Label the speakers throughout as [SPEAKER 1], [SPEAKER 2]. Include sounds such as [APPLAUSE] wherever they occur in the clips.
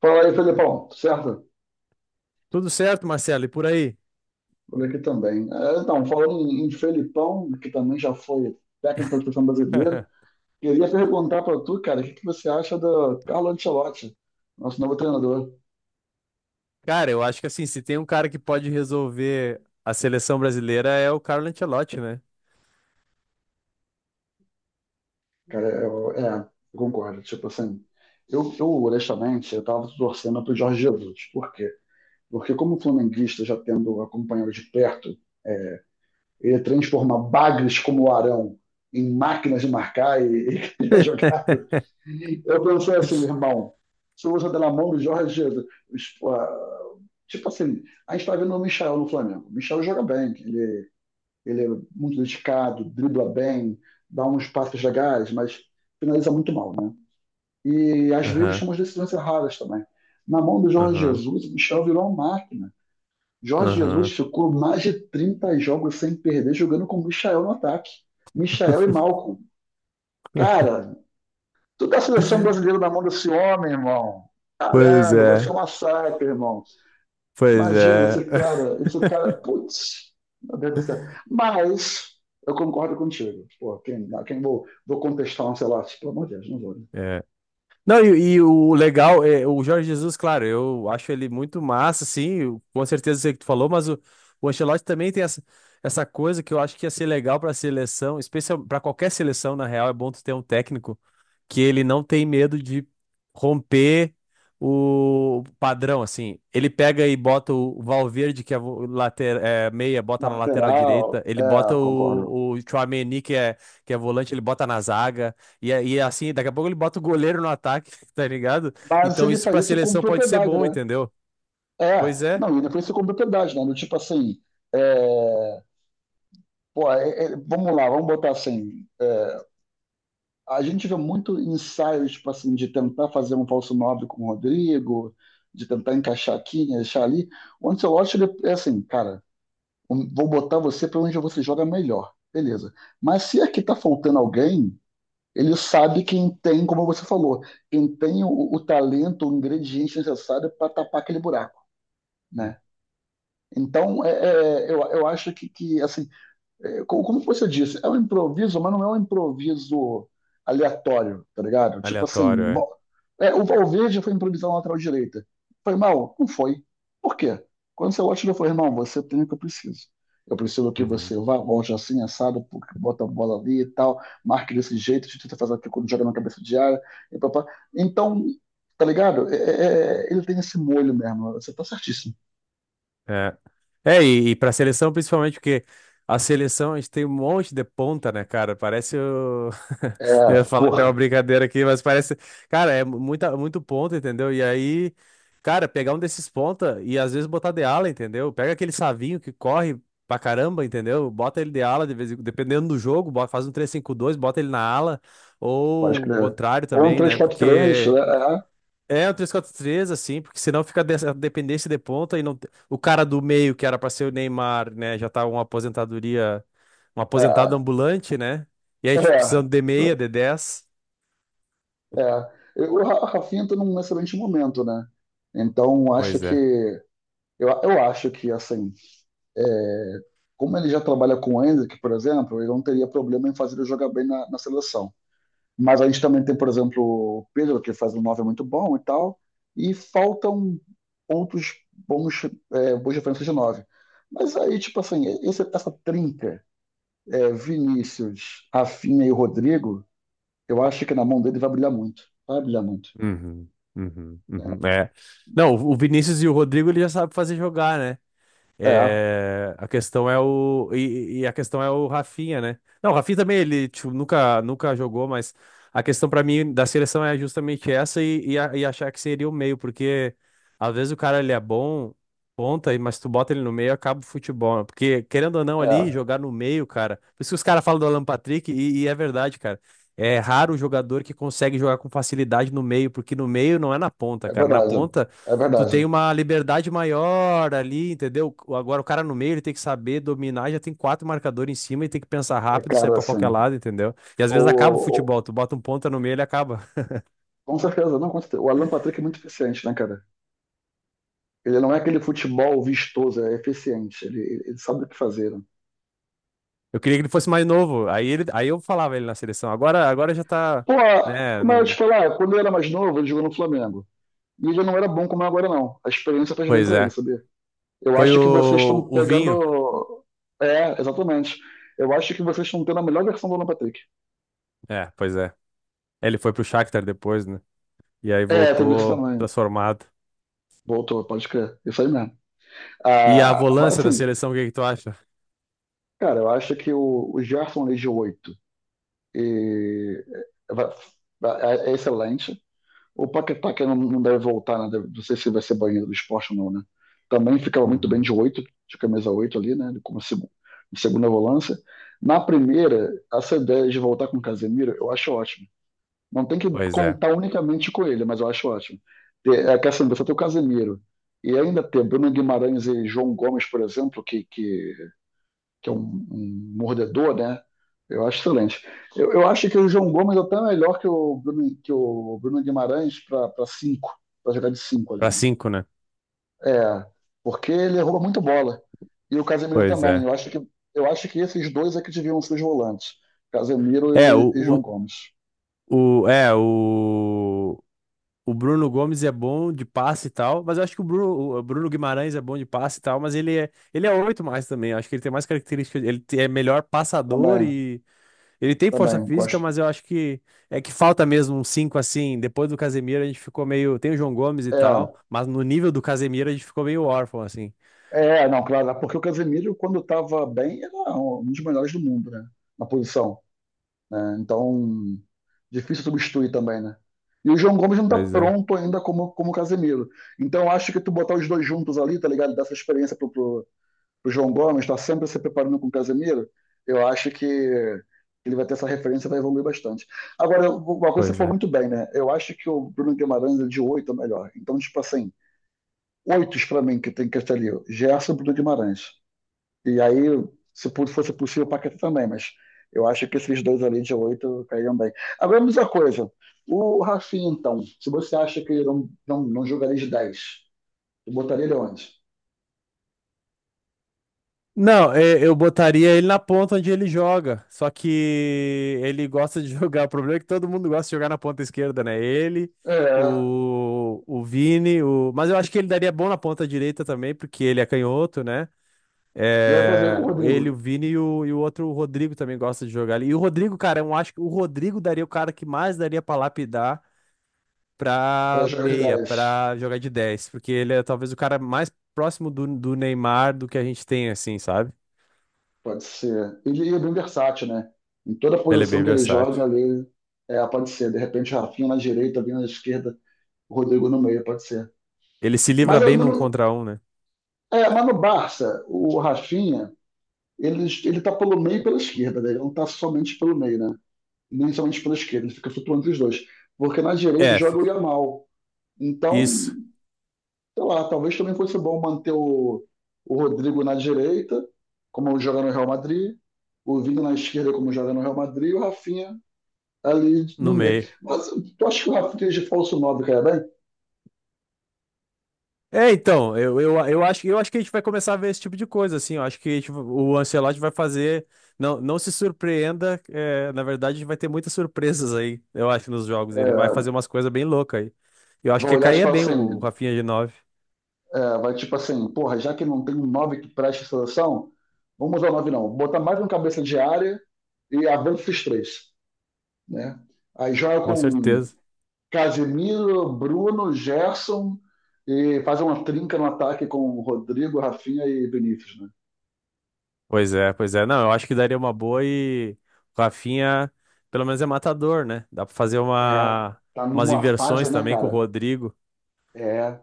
[SPEAKER 1] Fala aí, Felipão, certo?
[SPEAKER 2] Tudo certo, Marcelo, e por aí?
[SPEAKER 1] Por aqui também. Então, falando em Felipão, que também já foi técnico da seleção brasileira, queria perguntar para tu, cara, o que você acha do Carlo Ancelotti, nosso novo treinador?
[SPEAKER 2] Cara, eu acho que assim, se tem um cara que pode resolver a seleção brasileira é o Carlo Ancelotti, né?
[SPEAKER 1] Cara, eu concordo. Tipo assim, eu honestamente, eu tava torcendo pro Jorge Jesus. Por quê? Porque como flamenguista, já tendo acompanhado de perto é, ele transforma bagres como o Arão em máquinas de marcar e [LAUGHS] criar
[SPEAKER 2] [LAUGHS]
[SPEAKER 1] jogada. Eu pensei assim, irmão, se usa da mão do Jorge Jesus. Tipo assim, a gente está vendo o Michel no Flamengo. O Michel joga bem, ele é muito dedicado, dribla bem, dá uns passes legais, mas finaliza muito mal, né? E às vezes
[SPEAKER 2] Aham,
[SPEAKER 1] toma decisões erradas também. Na mão do Jorge
[SPEAKER 2] aham,
[SPEAKER 1] Jesus, o Michel virou uma máquina. Jorge Jesus
[SPEAKER 2] aham.
[SPEAKER 1] ficou mais de 30 jogos sem perder, jogando com o Michael no ataque. Michael e
[SPEAKER 2] [LAUGHS]
[SPEAKER 1] Malcolm. Cara, toda a seleção brasileira na mão desse homem, irmão.
[SPEAKER 2] Pois
[SPEAKER 1] Caramba, vai ser um
[SPEAKER 2] é,
[SPEAKER 1] massacre, irmão.
[SPEAKER 2] pois
[SPEAKER 1] Imagina
[SPEAKER 2] é.
[SPEAKER 1] esse
[SPEAKER 2] [LAUGHS]
[SPEAKER 1] cara, esse cara, putz, meu Deus do céu. Mas eu concordo contigo. Pô, quem vou contestar um Ancelotti? Pelo amor de Deus, não vou, né.
[SPEAKER 2] É. Não, e o legal é o Jorge Jesus, claro, eu acho ele muito massa, sim, com certeza sei o que tu falou, mas o Ancelotti também tem essa coisa que eu acho que ia ser legal para seleção, especial para qualquer seleção, na real, é bom tu ter um técnico que ele não tem medo de romper o padrão, assim. Ele pega e bota o Valverde, que é o later, é, meia,
[SPEAKER 1] Na
[SPEAKER 2] bota na lateral
[SPEAKER 1] lateral,
[SPEAKER 2] direita, ele bota
[SPEAKER 1] é, concordo.
[SPEAKER 2] o Tchouaméni, que é volante, ele bota na zaga. E assim, daqui a pouco ele bota o goleiro no ataque, [LAUGHS] tá ligado?
[SPEAKER 1] Mas
[SPEAKER 2] Então
[SPEAKER 1] ele
[SPEAKER 2] isso
[SPEAKER 1] faz
[SPEAKER 2] pra
[SPEAKER 1] isso com
[SPEAKER 2] seleção pode ser
[SPEAKER 1] propriedade,
[SPEAKER 2] bom,
[SPEAKER 1] né?
[SPEAKER 2] entendeu?
[SPEAKER 1] É,
[SPEAKER 2] Pois é.
[SPEAKER 1] não, ele faz isso com propriedade, né? Do tipo assim, é, Pô, vamos lá, vamos botar assim. A gente vê muito ensaios, tipo assim, de tentar fazer um falso nobre com o Rodrigo, de tentar encaixar aqui, encaixar ali. O Ancelotti, ele é assim, cara, vou botar você para onde você joga melhor. Beleza. Mas se aqui tá faltando alguém, ele sabe quem tem, como você falou, quem tem o talento, o ingrediente necessário para tapar aquele buraco,
[SPEAKER 2] Hum,
[SPEAKER 1] né? Então, eu acho que assim, como você disse, é um improviso, mas não é um improviso aleatório, tá ligado? Tipo
[SPEAKER 2] Aleatório,
[SPEAKER 1] assim,
[SPEAKER 2] é.
[SPEAKER 1] o Valverde foi improvisar na lateral direita. Foi mal? Não foi. Por quê? Quando você olha, ele falou, irmão, você tem o que eu preciso. Eu preciso que
[SPEAKER 2] Uhum.
[SPEAKER 1] você vá, volte assim, assado, pô, bota a bola ali e tal, marque desse jeito, tenta fazer aquilo quando joga na cabeça de área. E papá. Então, tá ligado? Ele tem esse molho mesmo, você tá certíssimo.
[SPEAKER 2] É, é e para seleção principalmente porque a seleção a gente tem um monte de ponta, né, cara? Parece.
[SPEAKER 1] É,
[SPEAKER 2] Eu ia falar até uma
[SPEAKER 1] porra,
[SPEAKER 2] brincadeira aqui, mas parece. Cara, é muita, muito ponto, entendeu? E aí, cara, pegar um desses ponta e às vezes botar de ala, entendeu? Pega aquele Savinho que corre pra caramba, entendeu? Bota ele de ala, dependendo do jogo, faz um 3-5-2, bota ele na ala,
[SPEAKER 1] pode
[SPEAKER 2] ou o
[SPEAKER 1] crer.
[SPEAKER 2] contrário
[SPEAKER 1] Ou um
[SPEAKER 2] também,
[SPEAKER 1] três
[SPEAKER 2] né?
[SPEAKER 1] 4 três,
[SPEAKER 2] Porque.
[SPEAKER 1] né?
[SPEAKER 2] É um 3-4-3 assim, porque senão fica dessa dependência de ponta e não. O cara do meio, que era pra ser o Neymar, né? Já tá uma aposentadoria. Um
[SPEAKER 1] É,
[SPEAKER 2] aposentado ambulante, né? E aí, tipo,
[SPEAKER 1] é,
[SPEAKER 2] precisando de meia, de 10.
[SPEAKER 1] O Rafinha está num excelente momento, né? Então, acho
[SPEAKER 2] Pois
[SPEAKER 1] que...
[SPEAKER 2] é.
[SPEAKER 1] Eu acho que assim, é, como ele já trabalha com o Endrick, por exemplo, ele não teria problema em fazer ele jogar bem na seleção. Mas a gente também tem, por exemplo, o Pedro, que faz um 9 muito bom e tal. E faltam outros bons, boas referências de 9. Mas aí, tipo assim, essa trinca, é, Vinícius, Rafinha e Rodrigo, eu acho que na mão dele vai brilhar muito. Vai brilhar muito.
[SPEAKER 2] Uhum, uhum, uhum. É. Não, o Vinícius e o Rodrigo ele já sabe fazer jogar, né?
[SPEAKER 1] É,
[SPEAKER 2] É, a questão é o Rafinha, né? Não, o Rafinha também ele tipo, nunca nunca jogou, mas a questão pra mim da seleção é justamente essa e achar que seria o meio, porque às vezes o cara ele é bom ponta, mas tu bota ele no meio acaba o futebol, né? porque querendo ou não ali
[SPEAKER 1] é,
[SPEAKER 2] jogar no meio, cara. Por isso que os caras falam do Alan Patrick e é verdade, cara. É raro o jogador que consegue jogar com facilidade no meio, porque no meio não é na ponta,
[SPEAKER 1] é
[SPEAKER 2] cara. Na
[SPEAKER 1] verdade.
[SPEAKER 2] ponta,
[SPEAKER 1] É
[SPEAKER 2] tu tem
[SPEAKER 1] verdade.
[SPEAKER 2] uma liberdade maior ali, entendeu? Agora o cara no meio, ele tem que saber dominar, já tem quatro marcadores em cima e tem que pensar
[SPEAKER 1] É,
[SPEAKER 2] rápido, sair
[SPEAKER 1] cara,
[SPEAKER 2] pra qualquer
[SPEAKER 1] assim.
[SPEAKER 2] lado, entendeu? E às vezes acaba o
[SPEAKER 1] O
[SPEAKER 2] futebol, tu bota um ponta no meio, ele acaba.
[SPEAKER 1] com certeza, não, com certeza. O Alan Patrick é muito eficiente, né, cara? Ele não é aquele futebol vistoso, é eficiente. Ele sabe o que fazer, né?
[SPEAKER 2] Eu queria que ele fosse mais novo, aí, aí eu falava ele na seleção. Agora já tá,
[SPEAKER 1] Pô,
[SPEAKER 2] né,
[SPEAKER 1] mas eu te
[SPEAKER 2] não.
[SPEAKER 1] falar, quando ele era mais novo, ele jogou no Flamengo. E ele não era bom como é agora, não. A experiência faz bem
[SPEAKER 2] Pois
[SPEAKER 1] pra ele,
[SPEAKER 2] é.
[SPEAKER 1] sabia? Eu
[SPEAKER 2] Foi
[SPEAKER 1] acho que vocês
[SPEAKER 2] o,
[SPEAKER 1] estão
[SPEAKER 2] o Vinho.
[SPEAKER 1] pegando. É, exatamente. Eu acho que vocês estão tendo a melhor versão do Alan Patrick.
[SPEAKER 2] É, pois é. Ele foi pro Shakhtar depois, né? E aí
[SPEAKER 1] É, tem isso
[SPEAKER 2] voltou
[SPEAKER 1] também.
[SPEAKER 2] transformado.
[SPEAKER 1] Voltou, pode crer. Isso aí mesmo.
[SPEAKER 2] E a
[SPEAKER 1] Ah, mas
[SPEAKER 2] volância da
[SPEAKER 1] assim,
[SPEAKER 2] seleção, o que que tu acha?
[SPEAKER 1] cara, eu acho que o Gerson League 8 e- é, é excelente. O Paquetá, que não deve voltar, né? Não sei se vai ser banido do esporte ou não, né? Também ficava muito bem
[SPEAKER 2] Uhum.
[SPEAKER 1] de 8, de camisa 8 ali, né? Como segunda volância. Na primeira, essa ideia de voltar com o Casemiro, eu acho ótimo. Não tem que
[SPEAKER 2] Pois é.
[SPEAKER 1] contar unicamente com ele, mas eu acho ótimo. É que assim, você tem o Casemiro e ainda ter Bruno Guimarães e João Gomes, por exemplo, que é um mordedor, né? Eu acho excelente. Eu acho que o João Gomes até é melhor que o Bruno Guimarães para cinco, para jogar de cinco ali,
[SPEAKER 2] Pra
[SPEAKER 1] né?
[SPEAKER 2] cinco, né?
[SPEAKER 1] É, porque ele rouba muita bola. E o Casemiro
[SPEAKER 2] Pois
[SPEAKER 1] também.
[SPEAKER 2] é.
[SPEAKER 1] Eu acho que esses dois é que deviam ser os volantes. Casemiro
[SPEAKER 2] É,
[SPEAKER 1] e João
[SPEAKER 2] o,
[SPEAKER 1] Gomes.
[SPEAKER 2] O, é, o, o Bruno Gomes é bom de passe e tal, mas eu acho que o Bruno Guimarães é bom de passe e tal, mas ele é oito mais também. Eu acho que ele tem mais características, ele é melhor passador
[SPEAKER 1] Também,
[SPEAKER 2] e ele tem força
[SPEAKER 1] também,
[SPEAKER 2] física,
[SPEAKER 1] gosto.
[SPEAKER 2] mas eu acho que é que falta mesmo um cinco assim. Depois do Casemiro a gente ficou meio, tem o João Gomes e
[SPEAKER 1] É,
[SPEAKER 2] tal, mas no nível do Casemiro a gente ficou meio órfão assim.
[SPEAKER 1] Não, claro, porque o Casemiro, quando estava bem, era um dos melhores do mundo, né? Na posição, né? Então, difícil substituir também, né? E o João Gomes não está
[SPEAKER 2] Pois é,
[SPEAKER 1] pronto ainda como, como o Casemiro. Então, eu acho que tu botar os dois juntos ali, tá ligado? Dessa experiência pro João Gomes, tá sempre se preparando com o Casemiro, eu acho que ele vai ter essa referência e vai evoluir bastante. Agora, uma coisa que você
[SPEAKER 2] pois
[SPEAKER 1] falou
[SPEAKER 2] é.
[SPEAKER 1] muito bem, né? Eu acho que o Bruno Guimarães é de oito é melhor. Então, tipo assim, oitos pra mim que tem que estar ali. Gerson, Bruno Guimarães. E aí, se fosse possível, o Paquetá também, mas eu acho que esses dois ali de oito cairiam bem. Agora, me diz uma coisa. O Rafinha, então, se você acha que ele não jogaria de 10, tu botaria ele onde?
[SPEAKER 2] Não, é, eu botaria ele na ponta onde ele joga. Só que ele gosta de [LAUGHS] jogar. O problema é que todo mundo gosta de jogar na ponta esquerda, né? Ele,
[SPEAKER 1] É.
[SPEAKER 2] o Vini, o... mas eu acho que ele daria bom na ponta direita também, porque ele é canhoto, né?
[SPEAKER 1] E aí fazer com
[SPEAKER 2] É,
[SPEAKER 1] o Rodrigo,
[SPEAKER 2] ele, o Vini e e o outro, o Rodrigo também gosta de jogar ali. E o Rodrigo, cara, eu acho que o Rodrigo daria o cara que mais daria pra lapidar
[SPEAKER 1] para
[SPEAKER 2] pra
[SPEAKER 1] jogar de
[SPEAKER 2] meia,
[SPEAKER 1] dez.
[SPEAKER 2] pra jogar de 10, porque ele é talvez o cara mais próximo do Neymar do que a gente tem, assim, sabe?
[SPEAKER 1] Pode ser. Ele é bem versátil, né? Em toda
[SPEAKER 2] Ele é
[SPEAKER 1] posição
[SPEAKER 2] bem
[SPEAKER 1] que ele joga
[SPEAKER 2] versátil.
[SPEAKER 1] ali, é, pode ser. De repente, o Rafinha na direita, vindo na esquerda, o Rodrigo no meio, pode ser.
[SPEAKER 2] Ele se livra
[SPEAKER 1] Mas, eu
[SPEAKER 2] bem num
[SPEAKER 1] não-
[SPEAKER 2] contra um, né?
[SPEAKER 1] é, mas no Barça, o Rafinha, ele tá pelo meio e pela esquerda, né? Ele não tá somente pelo meio, né? Nem somente pela esquerda, ele fica flutuando entre os dois. Porque na direita
[SPEAKER 2] É,
[SPEAKER 1] joga o
[SPEAKER 2] fica.
[SPEAKER 1] Yamal. Então,
[SPEAKER 2] Isso,
[SPEAKER 1] sei lá, talvez também fosse bom manter o Rodrigo na direita, como joga no Real Madrid, o Vini na esquerda, como joga no Real Madrid, e o Rafinha ali no
[SPEAKER 2] no
[SPEAKER 1] meio.
[SPEAKER 2] meio.
[SPEAKER 1] Mas tu acha que o Rafinha de falso 9 cai bem?
[SPEAKER 2] É, então, eu acho que a gente vai começar a ver esse tipo de coisa, assim. Eu acho que o Ancelotti vai fazer. Não, não se surpreenda. É, na verdade, vai ter muitas surpresas aí, eu acho, nos jogos. Ele vai
[SPEAKER 1] É,
[SPEAKER 2] fazer umas coisas bem loucas aí. Eu acho
[SPEAKER 1] vai
[SPEAKER 2] que
[SPEAKER 1] olhar e
[SPEAKER 2] caía
[SPEAKER 1] falar
[SPEAKER 2] bem o
[SPEAKER 1] assim...
[SPEAKER 2] Rafinha de nove,
[SPEAKER 1] É, vai tipo assim, porra, já que não tem um 9 que preste seleção, vamos usar o 9 não. Botar mais um cabeça de área e avança esses três, né? Aí joga
[SPEAKER 2] com
[SPEAKER 1] com
[SPEAKER 2] certeza.
[SPEAKER 1] Casemiro, Bruno, Gerson e faz uma trinca no ataque com Rodrigo, Rafinha e Vinícius, né?
[SPEAKER 2] Pois é, pois é. Não, eu acho que daria uma boa e o Rafinha, pelo menos é matador, né? Dá pra fazer
[SPEAKER 1] É,
[SPEAKER 2] uma,
[SPEAKER 1] tá
[SPEAKER 2] umas
[SPEAKER 1] numa fase,
[SPEAKER 2] inversões
[SPEAKER 1] né,
[SPEAKER 2] também com o
[SPEAKER 1] cara?
[SPEAKER 2] Rodrigo.
[SPEAKER 1] É,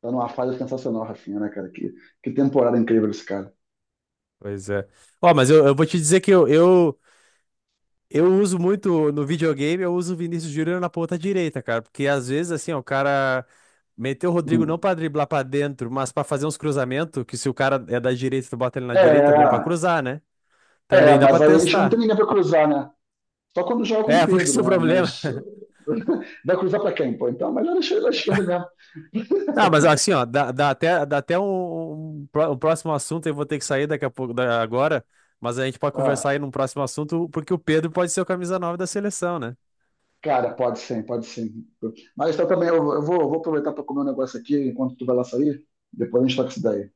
[SPEAKER 1] tá numa fase sensacional, Rafinha, né, cara? Que temporada incrível esse cara.
[SPEAKER 2] Pois é. Ó, mas eu vou te dizer que eu uso muito no videogame, eu uso o Vinícius Júnior na ponta direita, cara. Porque às vezes, assim, ó, o cara meteu o Rodrigo não
[SPEAKER 1] Hum.
[SPEAKER 2] pra driblar pra dentro, mas pra fazer uns cruzamentos, que se o cara é da direita, tu bota ele na direita, é bom pra
[SPEAKER 1] É,
[SPEAKER 2] cruzar, né?
[SPEAKER 1] é,
[SPEAKER 2] Também dá pra
[SPEAKER 1] mas aí a gente não tem
[SPEAKER 2] testar.
[SPEAKER 1] ninguém pra cruzar, né? Só quando joga com o
[SPEAKER 2] É, [LAUGHS] porque esse
[SPEAKER 1] Pedro,
[SPEAKER 2] é o
[SPEAKER 1] né?
[SPEAKER 2] problema.
[SPEAKER 1] Mas [LAUGHS] vai cruzar para quem, pô? Então, melhor deixar ele à esquerda mesmo.
[SPEAKER 2] Ah, mas assim, ó, dá até um próximo assunto, eu vou ter que sair daqui a pouco, agora, mas a gente pode conversar
[SPEAKER 1] Ah,
[SPEAKER 2] aí num próximo assunto, porque o Pedro pode ser o camisa 9 da seleção, né?
[SPEAKER 1] cara, pode sim, pode sim. Mas tá também, eu vou aproveitar para comer um negócio aqui enquanto tu vai lá sair. Depois a gente toca isso daí.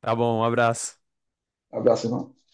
[SPEAKER 2] Tá bom, um abraço.
[SPEAKER 1] Abraço, irmão.